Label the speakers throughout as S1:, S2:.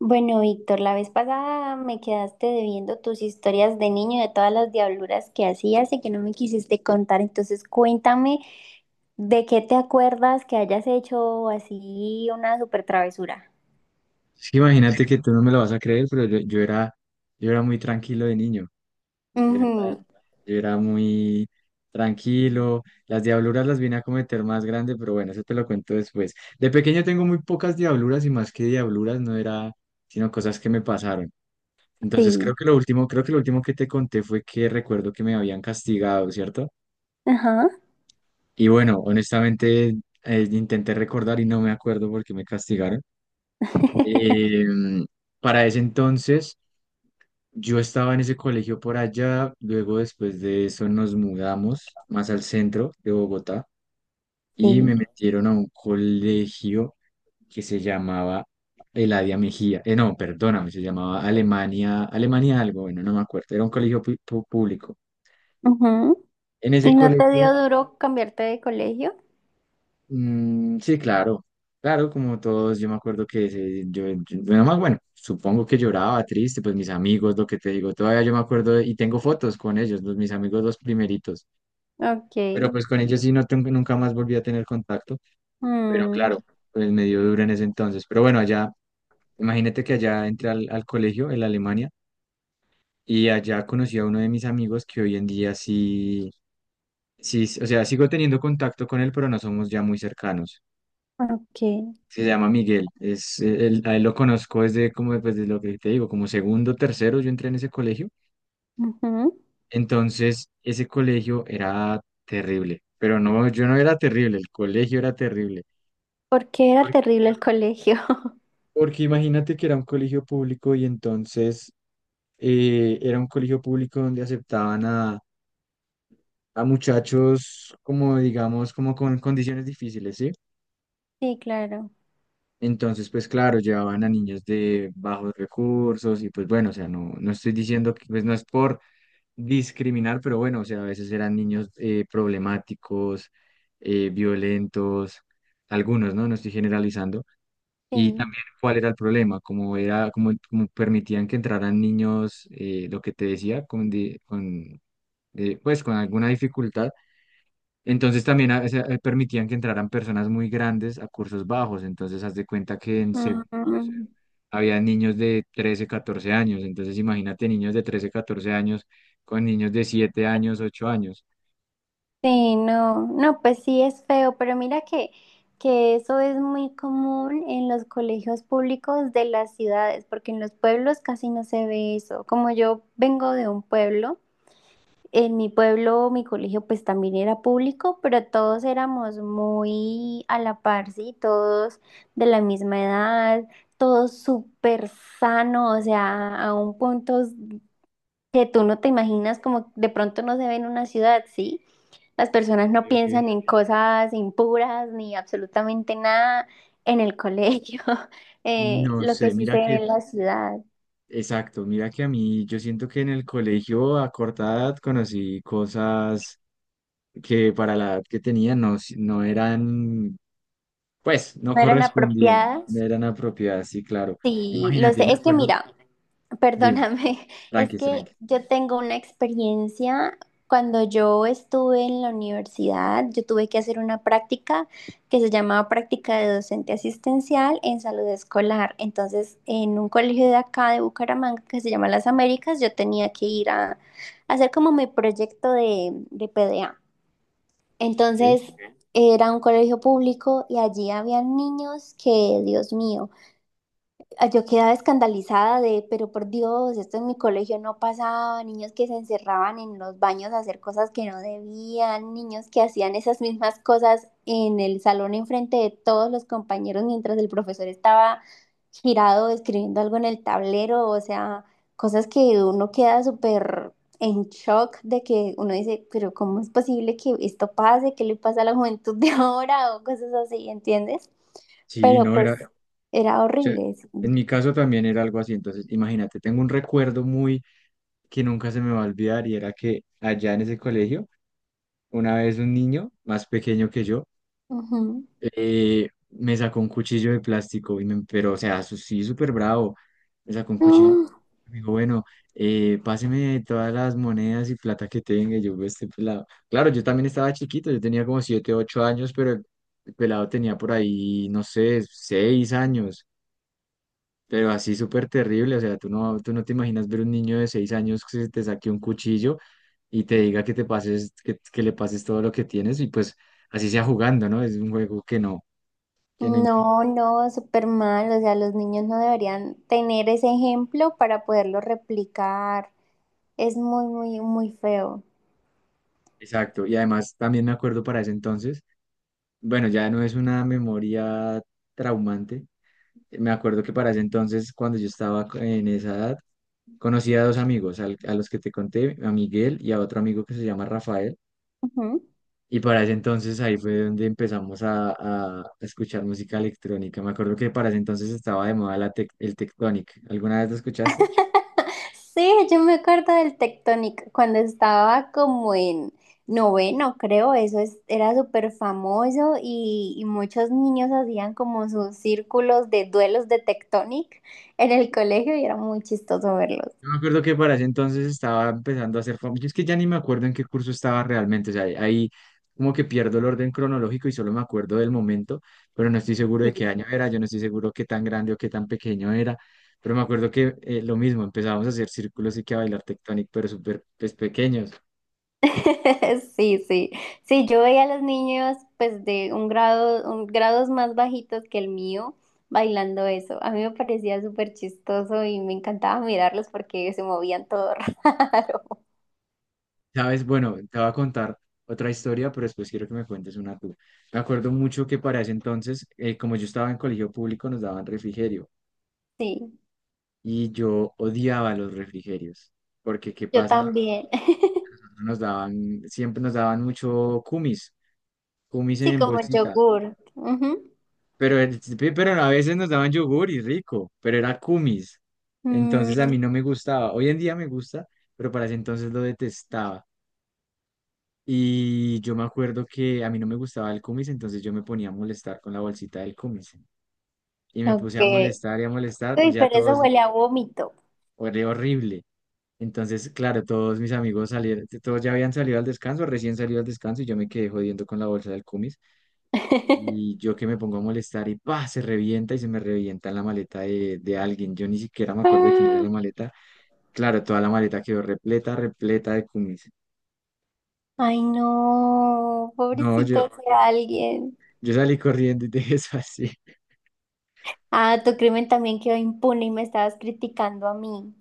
S1: Bueno, Víctor, la vez pasada me quedaste debiendo tus historias de niño, de todas las diabluras que hacías y que no me quisiste contar. Entonces, cuéntame de qué te acuerdas que hayas hecho así una super travesura.
S2: Sí, imagínate que tú no me lo vas a creer, pero yo era muy tranquilo de niño, de verdad.
S1: Ujú.
S2: Yo era muy tranquilo. Las diabluras las vine a cometer más grande, pero bueno, eso te lo cuento después. De pequeño tengo muy pocas diabluras y más que diabluras no era, sino cosas que me pasaron. Entonces
S1: Sí,
S2: creo que lo último que te conté fue que recuerdo que me habían castigado, ¿cierto?
S1: ajá.
S2: Y bueno, honestamente intenté recordar y no me acuerdo por qué me castigaron. Eh, para ese entonces yo estaba en ese colegio por allá, luego después de eso nos mudamos más al centro de Bogotá y me
S1: Sí.
S2: metieron a un colegio que se llamaba Eladia Mejía. No, perdóname, se llamaba Alemania, Alemania algo, bueno, no me acuerdo, era un colegio público.
S1: Ujú.
S2: En ese
S1: ¿Y no te
S2: colegio,
S1: dio duro cambiarte de colegio?
S2: mm, sí, claro, claro, como todos, yo me acuerdo que bueno, más bueno, supongo que lloraba triste, pues mis amigos, lo que te digo, todavía yo me acuerdo y tengo fotos con ellos, mis amigos los primeritos.
S1: Ok.
S2: Pero pues con ellos sí no tengo, nunca más volví a tener contacto, pero
S1: Mm,
S2: claro, pues me dio duro en ese entonces. Pero bueno, allá, imagínate que allá entré al colegio en Alemania y allá conocí a uno de mis amigos que hoy en día sí, sí, o sea, sigo teniendo contacto con él, pero no somos ya muy cercanos.
S1: ok.
S2: Se llama Miguel, a él lo conozco desde como, pues, de lo que te digo, como segundo, tercero, yo entré en ese colegio.
S1: Ujú.
S2: Entonces, ese colegio era terrible, pero no, yo no era terrible, el colegio era terrible.
S1: Porque era terrible el colegio.
S2: Porque imagínate que era un colegio público y entonces era un colegio público donde aceptaban a muchachos como, digamos, como con condiciones difíciles, ¿sí?
S1: Sí, claro.
S2: Entonces, pues claro, llevaban a niños de bajos recursos y pues bueno, o sea, no, no estoy diciendo que pues no es por discriminar, pero bueno, o sea, a veces eran niños problemáticos, violentos, algunos, ¿no? No estoy generalizando. Y
S1: Sí.
S2: también cuál era el problema, como era, como permitían que entraran niños, lo que te decía, con, pues con alguna dificultad. Entonces también permitían que entraran personas muy grandes a cursos bajos. Entonces haz de cuenta que en segundo, tercero,
S1: Mm.
S2: había niños de 13 14 años. Entonces imagínate niños de 13 14 años con niños de 7 años, 8 años.
S1: Sí, no, no, pues sí es feo, pero mira que eso es muy común en los colegios públicos de las ciudades, porque en los pueblos casi no se ve eso. Como yo vengo de un pueblo, en mi pueblo mi colegio pues también era público, pero todos éramos muy a la par, sí, todos de la misma edad, todos súper sanos, o sea, a un punto que tú no te imaginas como de pronto no se ve en una ciudad, sí. Las personas
S2: Ok,
S1: no
S2: ok.
S1: piensan en cosas impuras ni absolutamente nada en el colegio.
S2: No
S1: Lo que
S2: sé,
S1: sí se
S2: mira
S1: ve
S2: que
S1: en la ciudad
S2: exacto, mira que a mí yo siento que en el colegio a corta edad conocí cosas que para la edad que tenía no, no eran, pues no
S1: no eran
S2: correspondían, no
S1: apropiadas.
S2: eran apropiadas, sí, claro.
S1: Sí, lo
S2: Imagínate,
S1: sé.
S2: me
S1: Es que
S2: acuerdo,
S1: mira,
S2: dime,
S1: perdóname, es
S2: tranqui,
S1: que
S2: tranqui.
S1: yo tengo una experiencia. Cuando yo estuve en la universidad, yo tuve que hacer una práctica que se llamaba práctica de docente asistencial en salud escolar. Entonces, en un colegio de acá de Bucaramanga que se llama Las Américas, yo tenía que ir a hacer como mi proyecto de PDA.
S2: ¿Ok?
S1: Entonces, era un colegio público y allí había niños que, Dios mío, ah, yo quedaba escandalizada de, pero por Dios, esto en mi colegio no pasaba, niños que se encerraban en los baños a hacer cosas que no debían, niños que hacían esas mismas cosas en el salón enfrente de todos los compañeros mientras el profesor estaba girado escribiendo algo en el tablero, o sea, cosas que uno queda súper en shock de que uno dice, pero ¿cómo es posible que esto pase? ¿Qué le pasa a la juventud de ahora? O cosas así, ¿entiendes?
S2: Sí,
S1: Pero
S2: no
S1: pues
S2: era, o
S1: era
S2: sea,
S1: horrible.
S2: en
S1: Sí.
S2: mi caso también era algo así, entonces imagínate, tengo un recuerdo muy que nunca se me va a olvidar y era que allá en ese colegio, una vez un niño más pequeño que yo,
S1: Ujú.
S2: me sacó un cuchillo de plástico, y pero o sea, sí, súper bravo. Me sacó un cuchillo.
S1: Mm.
S2: Me dijo, bueno, páseme todas las monedas y plata que tenga. Y yo: "Ve este pelado". Claro, yo también estaba chiquito, yo tenía como 7 8 años, pero el pelado tenía por ahí, no sé, 6 años. Pero así súper terrible, o sea, tú no te imaginas ver un niño de 6 años que se te saque un cuchillo y te diga que te pases, que le pases todo lo que tienes y pues así sea jugando, ¿no? Es un juego que no imagino.
S1: No, no, súper mal. O sea, los niños no deberían tener ese ejemplo para poderlo replicar. Es muy, muy, muy feo.
S2: Exacto. Y además también me acuerdo para ese entonces, bueno, ya no es una memoria traumante. Me acuerdo que para ese entonces, cuando yo estaba en esa edad, conocí a dos amigos, a los que te conté, a Miguel y a otro amigo que se llama Rafael.
S1: Ujú.
S2: Y para ese entonces ahí fue donde empezamos a escuchar música electrónica. Me acuerdo que para ese entonces estaba de moda el Tectonic. ¿Alguna vez lo escuchaste?
S1: Sí, yo me acuerdo del Tectonic cuando estaba como en noveno, creo, era súper famoso y muchos niños hacían como sus círculos de duelos de Tectonic en el colegio y era muy chistoso verlos.
S2: Yo me acuerdo que para ese entonces estaba empezando a hacer famoso. Es que ya ni me acuerdo en qué curso estaba realmente. O sea, ahí como que pierdo el orden cronológico y solo me acuerdo del momento, pero no estoy seguro de qué año era, yo no estoy seguro qué tan grande o qué tan pequeño era. Pero me acuerdo que lo mismo, empezábamos a hacer círculos y que a bailar tectónico, pero súper pues, pequeños.
S1: Sí, sí, sí, yo veía a los niños pues de un grado, un, grados más bajitos que el mío bailando eso. A mí me parecía súper chistoso y me encantaba mirarlos porque se movían todo raro.
S2: ¿Sabes? Bueno, te voy a contar otra historia, pero después quiero que me cuentes una tú. Me acuerdo mucho que para ese entonces, como yo estaba en colegio público, nos daban refrigerio.
S1: Sí,
S2: Y yo odiaba los refrigerios, porque ¿qué
S1: yo
S2: pasa?
S1: también.
S2: Nos daban, siempre nos daban mucho kumis, kumis
S1: Sí,
S2: en
S1: como
S2: bolsita,
S1: yogur. Ujú.
S2: pero, pero a veces nos daban yogur y rico, pero era kumis, entonces a
S1: Mm,
S2: mí no me gustaba, hoy en día me gusta, pero para ese entonces lo detestaba. Y yo me acuerdo que a mí no me gustaba el kumis, entonces yo me ponía a molestar con la bolsita del kumis. Y me puse
S1: ok.
S2: a molestar y a molestar,
S1: Uy,
S2: ya
S1: pero eso
S2: todos,
S1: huele a vómito.
S2: era horrible. Entonces, claro, todos mis amigos salieron, todos ya habían salido al descanso, recién salido al descanso y yo me quedé jodiendo con la bolsa del cumis. Y yo que me pongo a molestar y pa, se revienta y se me revienta la maleta de alguien. Yo ni siquiera me acuerdo de quién era
S1: Ah,
S2: la maleta. Claro, toda la maleta quedó repleta, repleta de cumis.
S1: ay, no,
S2: No, yo,
S1: pobrecito de alguien.
S2: yo salí corriendo y dejé eso así.
S1: Ah, tu crimen también quedó impune y me estabas criticando a mí.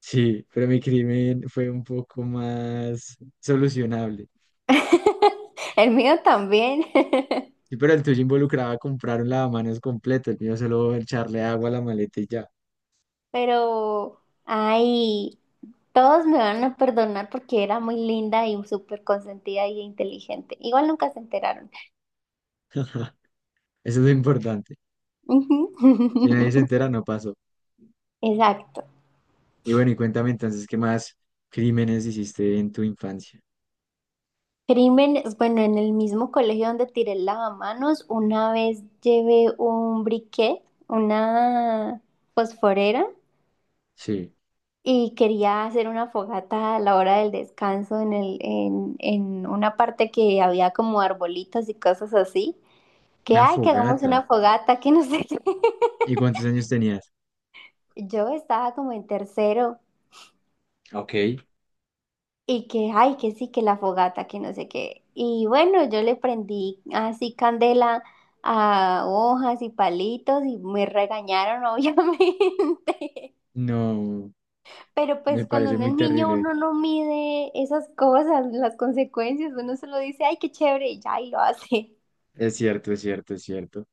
S2: Sí, pero mi crimen fue un poco más solucionable.
S1: El mío también.
S2: Sí, pero el tuyo involucraba comprar un lavamanos completo, el mío solo echarle agua a la maleta y ya.
S1: Pero, ay, todos me van a perdonar porque era muy linda y súper consentida y inteligente. Igual nunca se enteraron.
S2: Eso es lo importante.
S1: Ujú.
S2: Si nadie se entera, no pasó.
S1: Exacto.
S2: Y bueno, y cuéntame entonces, ¿qué más crímenes hiciste en tu infancia?
S1: Crímenes, bueno, en el mismo colegio donde tiré el lavamanos, una vez llevé un briquet, una fosforera,
S2: Sí.
S1: y quería hacer una fogata a la hora del descanso en el, en una parte que había como arbolitos y cosas así, que
S2: Una
S1: ay, que hagamos
S2: fogata.
S1: una fogata, que no sé qué.
S2: ¿Y cuántos años tenías?
S1: Yo estaba como en tercero
S2: Ok.
S1: y que ay, que sí, que la fogata, que no sé qué. Y bueno, yo le prendí así candela a hojas y palitos y me regañaron, obviamente.
S2: No,
S1: Pero
S2: me
S1: pues cuando
S2: parece
S1: uno es
S2: muy
S1: niño
S2: terrible, oye.
S1: uno no mide esas cosas, las consecuencias, uno solo dice, ay, qué chévere, y ya, y lo hace.
S2: Es cierto, es cierto, es cierto.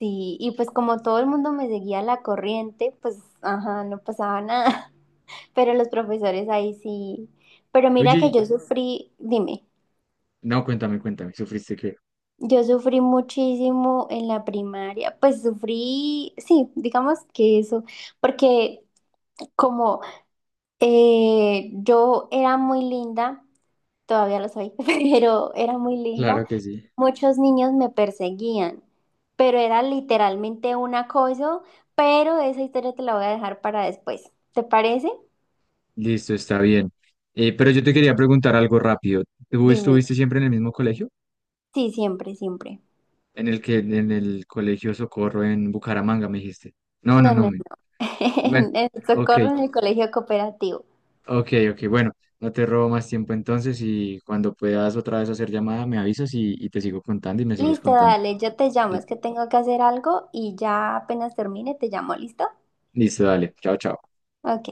S1: Sí, y pues como todo el mundo me seguía la corriente, pues, ajá, no pasaba nada. Pero los profesores ahí sí. Pero
S2: Oye,
S1: mira que yo sufrí, dime,
S2: no, cuéntame, cuéntame, ¿sufriste qué?
S1: yo sufrí muchísimo en la primaria, pues sufrí, sí, digamos que eso, porque como yo era muy linda, todavía lo soy, pero era muy linda.
S2: Claro que sí.
S1: Muchos niños me perseguían, pero era literalmente un acoso, pero esa historia te la voy a dejar para después. ¿Te parece?
S2: Listo, está bien. Pero yo te quería preguntar algo rápido. ¿Tú
S1: Dime.
S2: estuviste siempre en el mismo colegio?
S1: Sí, siempre, siempre.
S2: En el Colegio Socorro en Bucaramanga, me dijiste. No, no,
S1: No,
S2: no.
S1: no, no.
S2: Bueno,
S1: En el
S2: ok.
S1: socorro en el colegio cooperativo.
S2: Ok, ok, bueno, no te robo más tiempo entonces y cuando puedas otra vez hacer llamada me avisas y te sigo contando y me sigues
S1: Listo,
S2: contando.
S1: dale, yo te llamo, es
S2: Listo,
S1: que tengo que hacer algo y ya apenas termine, te llamo, ¿listo?
S2: listo, dale, chao, chao.
S1: Ok.